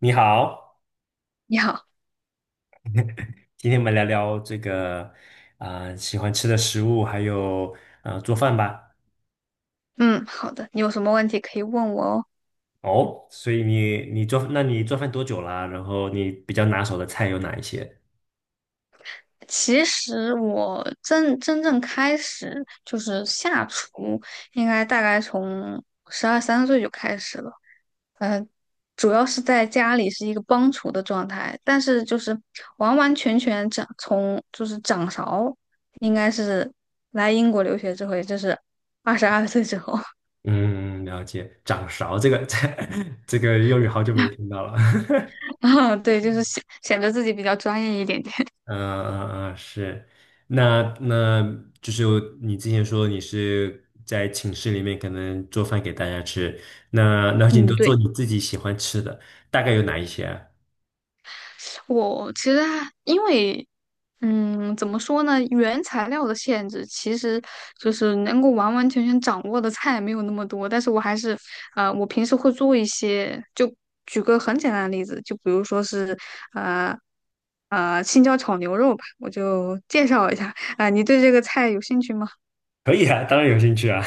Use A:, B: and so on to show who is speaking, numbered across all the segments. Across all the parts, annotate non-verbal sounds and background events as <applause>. A: 你好，
B: 你好，
A: 今天我们聊聊这个喜欢吃的食物，还有做饭吧。
B: 嗯，好的，你有什么问题可以问我哦。
A: 哦，所以你，那你做饭多久啦？然后你比较拿手的菜有哪一些？
B: 其实我真正开始就是下厨，应该大概从12、13岁就开始了。嗯，主要是在家里是一个帮厨的状态，但是就是完完全全掌勺，应该是来英国留学之后，也就是22岁之后。
A: 嗯，了解。掌勺这个 <laughs> 这个用语好久没听到了。
B: <laughs> 啊，对，就是显得自己比较专业一点点。
A: <laughs> 嗯，是。那那就是你之前说你是在寝室里面可能做饭给大家吃，那你
B: 嗯，
A: 都做
B: 对。
A: 你自己喜欢吃的，大概有哪一些啊？
B: 我其实还因为，嗯，怎么说呢？原材料的限制，其实就是能够完完全全掌握的菜没有那么多。但是我还是，我平时会做一些。就举个很简单的例子，就比如说是，呃，青椒炒牛肉吧，我就介绍一下。<laughs> 啊、你对这个菜有兴趣吗？
A: 可以啊，当然有兴趣啊。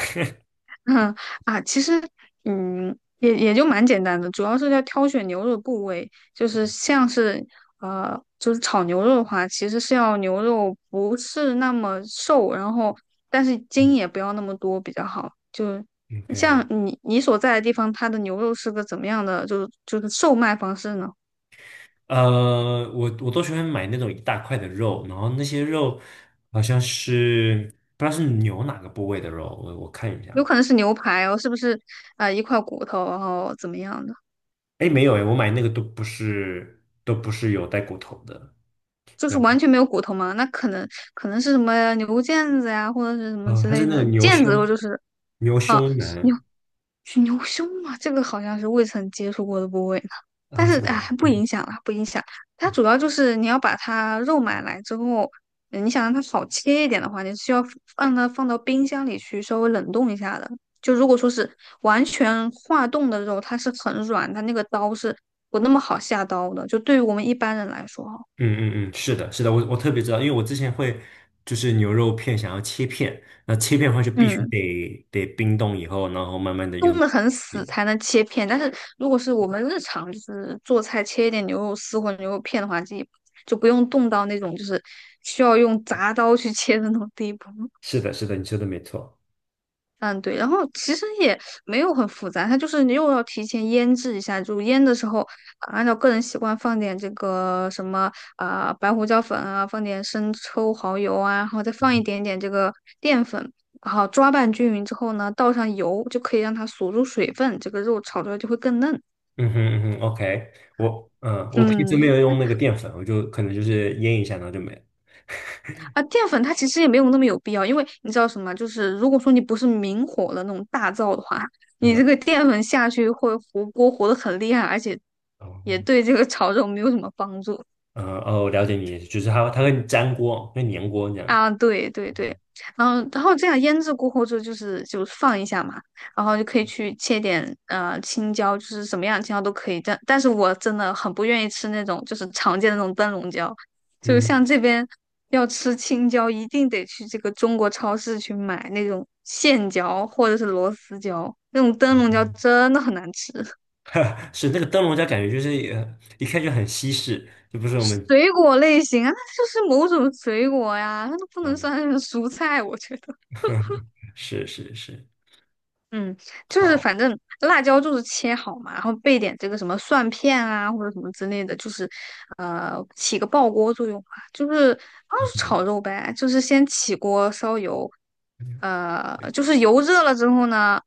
B: 嗯啊，其实也就蛮简单的，主要是要挑选牛肉部位，就是像是就是炒牛肉的话，其实是要牛肉不是那么瘦，然后但是筋
A: <laughs>
B: 也不要那么多比较好。就
A: OK，
B: 像你所在的地方，它的牛肉是个怎么样的，就是售卖方式呢？
A: 呃，我都喜欢买那种一大块的肉，然后那些肉好像是不知道是牛哪个部位的肉，我看一
B: 有
A: 下。
B: 可能是牛排哦，是不是？啊、一块骨头，然后怎么样的？
A: 哎，没有哎，我买那个都不是有带骨头的，
B: 就是
A: 然后
B: 完全没有骨头嘛，那可能是什么牛腱子呀，或者是什么
A: 啊，
B: 之
A: 它是
B: 类
A: 那个
B: 的
A: 牛
B: 腱子，肉，
A: 胸
B: 就是
A: 牛
B: 啊
A: 胸
B: 牛
A: 腩
B: 牛胸嘛，这个好像是未曾接触过的部位呢。但
A: 啊，
B: 是
A: 是吗？
B: 哎，不影响啦，不影响。它主要就是你要把它肉买来之后，你想让它少切一点的话，你需要放到冰箱里去稍微冷冻一下的。就如果说是完全化冻的肉，它是很软，它那个刀是不那么好下刀的。就对于我们一般人来说哈，
A: 嗯，是的，是的，我特别知道，因为我之前会就是牛肉片想要切片，那切片的话就必须
B: 嗯。
A: 得冰冻以后，然后慢慢的用。
B: 冻得很死才能切片，但是如果是我们日常就是做菜切一点牛肉丝或者牛肉片的话，这就不用冻到那种就是需要用铡刀去切的那种地步。
A: 是的，是的，你说的没错。
B: 嗯，对，然后其实也没有很复杂，它就是你又要提前腌制一下，就腌的时候，啊按照个人习惯放点这个什么啊、白胡椒粉啊，放点生抽、蚝油啊，然后再放一点点这个淀粉，然后抓拌均匀之后呢，倒上油就可以让它锁住水分，这个肉炒出来就会更嫩。
A: 嗯哼嗯哼，OK，我嗯，我平时没
B: 嗯，
A: 有用那个淀粉，我就可能就是腌一下，然后就没了。
B: 啊，淀粉它其实也没有那么有必要，因为你知道什么？就是如果说你不是明火的那种大灶的话，你
A: 嗯，
B: 这个淀粉下去会糊锅糊的很厉害，而且
A: 哦，
B: 也对这个炒肉没有什么帮助。
A: 嗯，哦，了解你，就是它会粘锅，会粘锅这样。
B: 啊，对对对，然后这样腌制过后就是就放一下嘛，然后就可以去切点青椒，就是什么样的青椒都可以。但是我真的很不愿意吃那种就是常见的那种灯笼椒，就
A: 嗯，
B: 像这边要吃青椒，一定得去这个中国超市去买那种线椒或者是螺丝椒，那种灯笼椒
A: 哦
B: 真的很难吃。
A: <laughs> 是那个灯笼椒，感觉就是一看就很西式，就不是我们
B: 水果类型啊，那就是某种水果呀，它都不能
A: 嗯，
B: 算是蔬菜，我觉得。
A: <laughs> 是是是，
B: 嗯，就是
A: 好，
B: 反正辣椒就是切好嘛，然后备点这个什么蒜片啊或者什么之类的，就是起个爆锅作用嘛，就是啊炒肉呗，就是先起锅烧油，
A: 对
B: 就是油热了之后呢，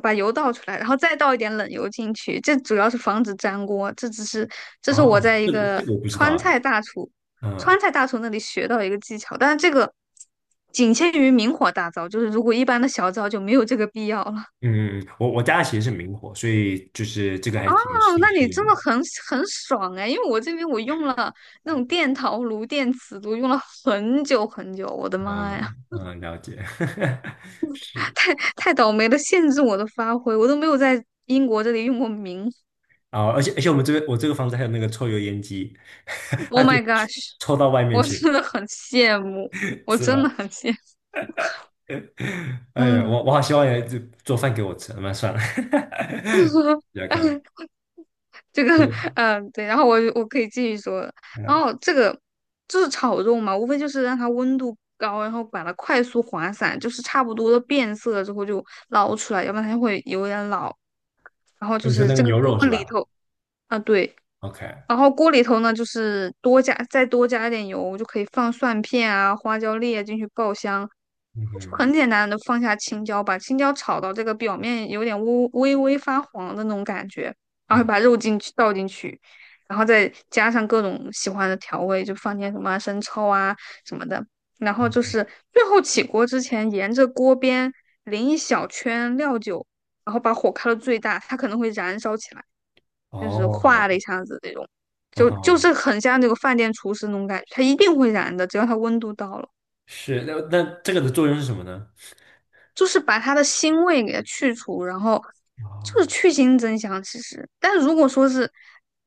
B: 把油倒出来，然后再倒一点冷油进去，这主要是防止粘锅，这是我
A: 哦，
B: 在一
A: 这个
B: 个
A: 这个我不知
B: 川
A: 道，
B: 菜大厨
A: 嗯
B: 川
A: 嗯
B: 菜大厨那里学到一个技巧，但是这个仅限于明火大灶，就是如果一般的小灶就没有这个必要了。
A: 嗯，嗯，我我家其实是明火，所以就是这个还挺
B: 哦，
A: 挺
B: 那
A: 适
B: 你真
A: 用
B: 的
A: 的。
B: 很爽哎，因为我这边我用了那种电陶炉、电磁炉，用了很久很久，我的妈呀。
A: 嗯嗯，了解，<laughs>
B: <laughs>
A: 是
B: 太倒霉了，限制我的发挥，我都没有在英国这里用过。
A: 啊，而且我们这边我这个房子还有那个抽油烟机，<laughs>
B: Oh
A: 它可以
B: my gosh，
A: 抽到外面
B: 我
A: 去的，
B: 真的很羡慕，我
A: 是
B: 真的
A: 吧？
B: 很羡慕。
A: <laughs> 哎呀，
B: 嗯。
A: 我好希望有人就做饭给我吃，那算了，<laughs> 你来看，
B: <laughs> 这个。
A: 对，
B: <laughs> 嗯，对，然后我可以继续说了。
A: 嗯，
B: 然
A: 哦
B: 后这个就是炒肉嘛，无非就是让它温度高，然后把它快速滑散，就是差不多的变色了之后就捞出来，要不然它就会有点老。然后就
A: 你说
B: 是
A: 那个
B: 这个
A: 牛
B: 锅
A: 肉是
B: 里
A: 吧
B: 头，啊，对，
A: ？OK，
B: 然后锅里头呢，就是多加再多加一点油，就可以放蒜片啊、花椒粒啊进去爆香，就
A: 嗯
B: 很简单的放下青椒，把青椒炒到这个表面有点微微发黄的那种感觉，然
A: 嗯
B: 后
A: 啊
B: 把肉倒进去，然后再加上各种喜欢的调味，就放点什么生抽啊什么的，然后就是最后起锅之前，沿着锅边淋一小圈料酒，然后把火开到最大，它可能会燃烧起来。就是
A: 哦，
B: 化了一下子那种，
A: 嗯
B: 就就
A: 哼
B: 是很像那个饭店厨师那种感觉，它一定会燃的，只要它温度到了，
A: 是，那那这个的作用是什么呢？
B: 就是把它的腥味给它去除，然后就是
A: 哦，
B: 去腥增香。其实，但如果说是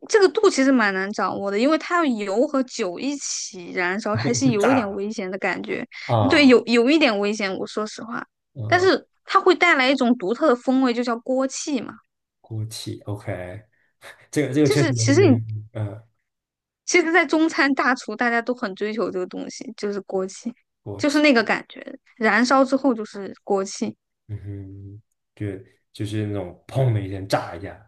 B: 这个度，其实蛮难掌握的，因为它要油和酒一起燃烧，
A: 会
B: 还是
A: 会
B: 有一
A: 炸
B: 点危险的感觉。
A: 啊，
B: 对，
A: 啊
B: 有一点危险，我说实话，但
A: 嗯，
B: 是它会带来一种独特的风味，就叫锅气嘛。
A: 锅气，OK，这个这个
B: 就
A: 确实
B: 是
A: 没没，嗯。
B: 其实，在中餐大厨，大家都很追求这个东西，就是锅气，
A: 锅
B: 就是
A: 气，
B: 那个感觉，燃烧之后就是锅气
A: 嗯哼，就就是那种砰的一声炸一下，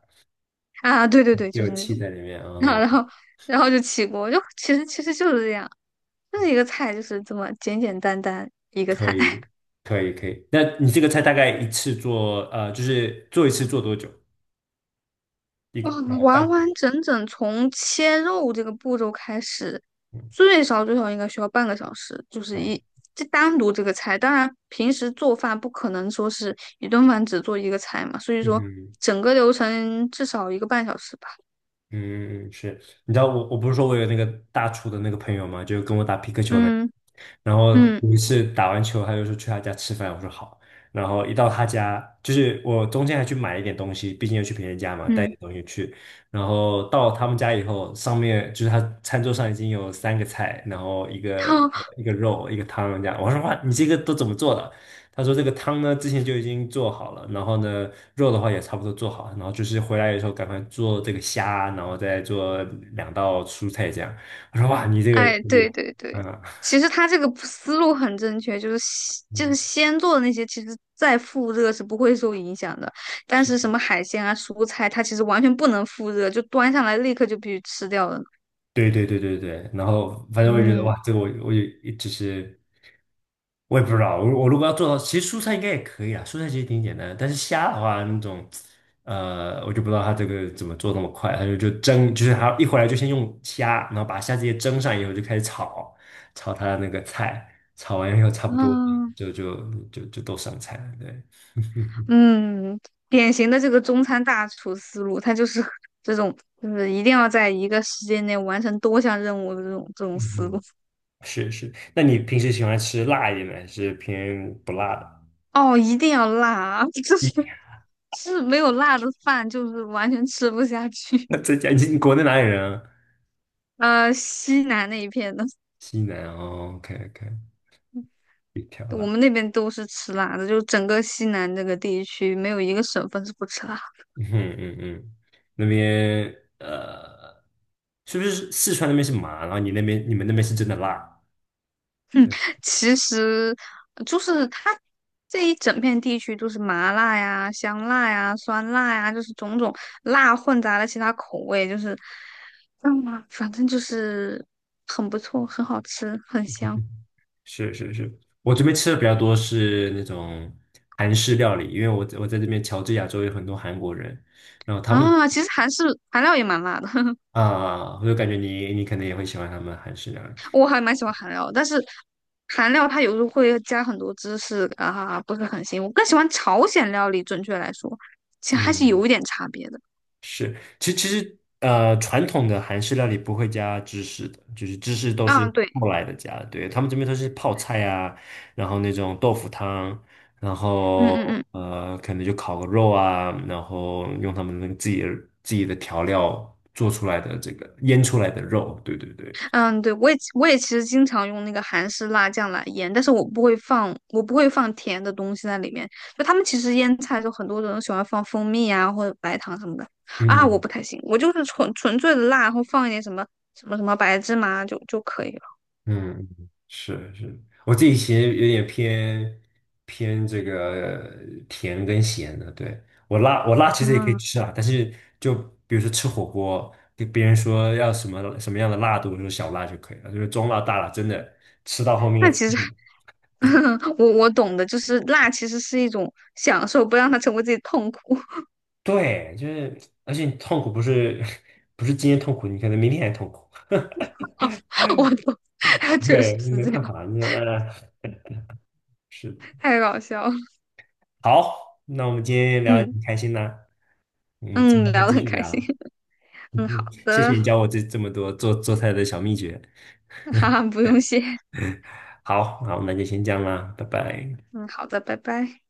B: 啊，对对对，就
A: 就
B: 是
A: 有
B: 那
A: 气
B: 种。
A: 在里面，
B: <laughs>
A: 嗯，
B: 然后然后就起锅，就其实就是这样，就是一个菜，就是这么简简单单一个
A: 可
B: 菜。
A: 以，可以，可以。那你这个菜大概一次做，呃，就是做一次做多久？一
B: 嗯，
A: 呃半，
B: 完完整整从切肉这个步骤开始，
A: 嗯
B: 最少最少应该需要半个小时，就是
A: 嗯
B: 这单独这个菜。当然，平时做饭不可能说是一顿饭只做一个菜嘛，所以
A: 嗯
B: 说
A: 哼。
B: 整个流程至少一个半小时吧。
A: 嗯，是，你知道我不是说我有那个大厨的那个朋友嘛，就跟我打皮克球那个
B: 嗯
A: 然后
B: 嗯
A: 有一次打完球，他就说去他家吃饭，我说好，然后一到他家，就是我中间还去买一点东西，毕竟要去别人家嘛，带
B: 嗯。
A: 点东西去，然后到他们家以后，上面就是他餐桌上已经有3个菜，然后
B: <laughs>
A: 一个肉，一个汤这样，我说哇，你这个都怎么做的？他说这个汤呢之前就已经做好了，然后呢肉的话也差不多做好了，然后就是回来的时候赶快做这个虾，然后再做2道蔬菜这样。我说哇，你这个，
B: 哎，对对对，
A: 嗯
B: 其实他这个思路很正确，就是先就是
A: 嗯，
B: 先做的那些，其实再复热是不会受影响的。但
A: 是
B: 是什么海鲜啊、蔬菜，它其实完全不能复热，就端上来立刻就必须吃掉了。
A: 对对对对对，然后反正我也觉得
B: 嗯
A: 哇，这个我也只是我也不知道，我如果要做到，其实蔬菜应该也可以啊，蔬菜其实挺简单的，但是虾的话那种，呃，我就不知道它这个怎么做那么快，它就蒸，就是它一回来就先用虾，然后把虾直接蒸上以后就开始炒，炒它的那个菜，炒完以后差不多
B: 嗯
A: 就就就都上菜了，对，<laughs>
B: 嗯，典型的这个中餐大厨思路，它就是 <laughs> 这种，就是一定要在一个时间内完成多项任务的这种
A: 嗯
B: 思路。
A: 哼，是是，那你平时喜欢吃辣一点的，还是偏不辣的？
B: 哦，一定要辣啊。<laughs> 是没有辣的饭，就是完全吃不下
A: <laughs>
B: 去。
A: 那浙江，你国内哪里人啊？
B: 西南那一片的，
A: 西南哦，OK OK，一条
B: 我
A: 啦，
B: 们那边都是吃辣的，就整个西南这个地区没有一个省份是不吃辣。
A: 嗯嗯，那边呃，是不是四川那边是麻，然后你们那边是真的辣？
B: 其实就是它这一整片地区都是麻辣呀、香辣呀、酸辣呀，就是种种辣混杂了其他口味，就是，嗯，反正就是很不错，很好吃，很香
A: 是是是是，我这边吃的比较多是那种韩式料理，因为我在这边乔治亚州有很多韩国人，然后他们也
B: 啊。其实韩料也蛮辣的。<laughs>
A: 啊，我就感觉你可能也会喜欢他们韩式料理，
B: 我还蛮喜欢韩料，但是韩料它有时候会加很多芝士啊，不是很行。我更喜欢朝鲜料理，准确来说，其实还是
A: 嗯。
B: 有一点差别的。
A: 是，其其实呃，传统的韩式料理不会加芝士的，就是芝士都是
B: 嗯，对，
A: 后来的加的。对，他们这边都是泡菜啊，然后那种豆腐汤，然
B: 嗯嗯
A: 后
B: 嗯
A: 呃，可能就烤个肉啊，然后用他们那个自己的调料做出来的这个腌出来的肉。对对对，
B: 嗯，对，我也其实经常用那个韩式辣酱来腌，但是我不会放甜的东西在里面。就他们其实腌菜的时候，很多人喜欢放蜂蜜啊或者白糖什么的啊，我
A: 嗯
B: 不太行，我就是纯粹的辣，然后放一点什么白芝麻就可以了。
A: 嗯，是是，我自己其实有点偏这个甜跟咸的。对，我辣其实也可以
B: 嗯，
A: 吃啊，但是就比如说吃火锅，跟别人说要什么什么样的辣度，就说小辣就可以了，就是中辣、大辣，真的吃到后面
B: 那
A: 也吃
B: 其实
A: 不了
B: <laughs> 我懂的，就是辣其实是一种享受，不让它成为自己痛苦。
A: 对，就是，而且你痛苦不是 <laughs> 不是今天痛苦，你可能明天还痛苦。
B: <laughs> 我懂。<laughs>
A: <laughs>
B: 确实
A: 对，
B: 是
A: 没
B: 这样，
A: 办法，那呃，哎是的。
B: 太搞笑了。
A: 好，那我们今天聊的
B: 嗯
A: 挺开心的，我们之
B: 嗯，
A: 后再
B: 聊得
A: 继
B: 很
A: 续
B: 开
A: 聊。
B: 心。<laughs>
A: <laughs> 嗯
B: 嗯，
A: 哼
B: 好
A: 谢谢你
B: 的。
A: 教我这么多做菜的小秘诀。
B: <laughs> 哈哈，不用谢。<laughs>
A: 好，好，那就先这样啦，拜拜。
B: 嗯，好的，拜拜。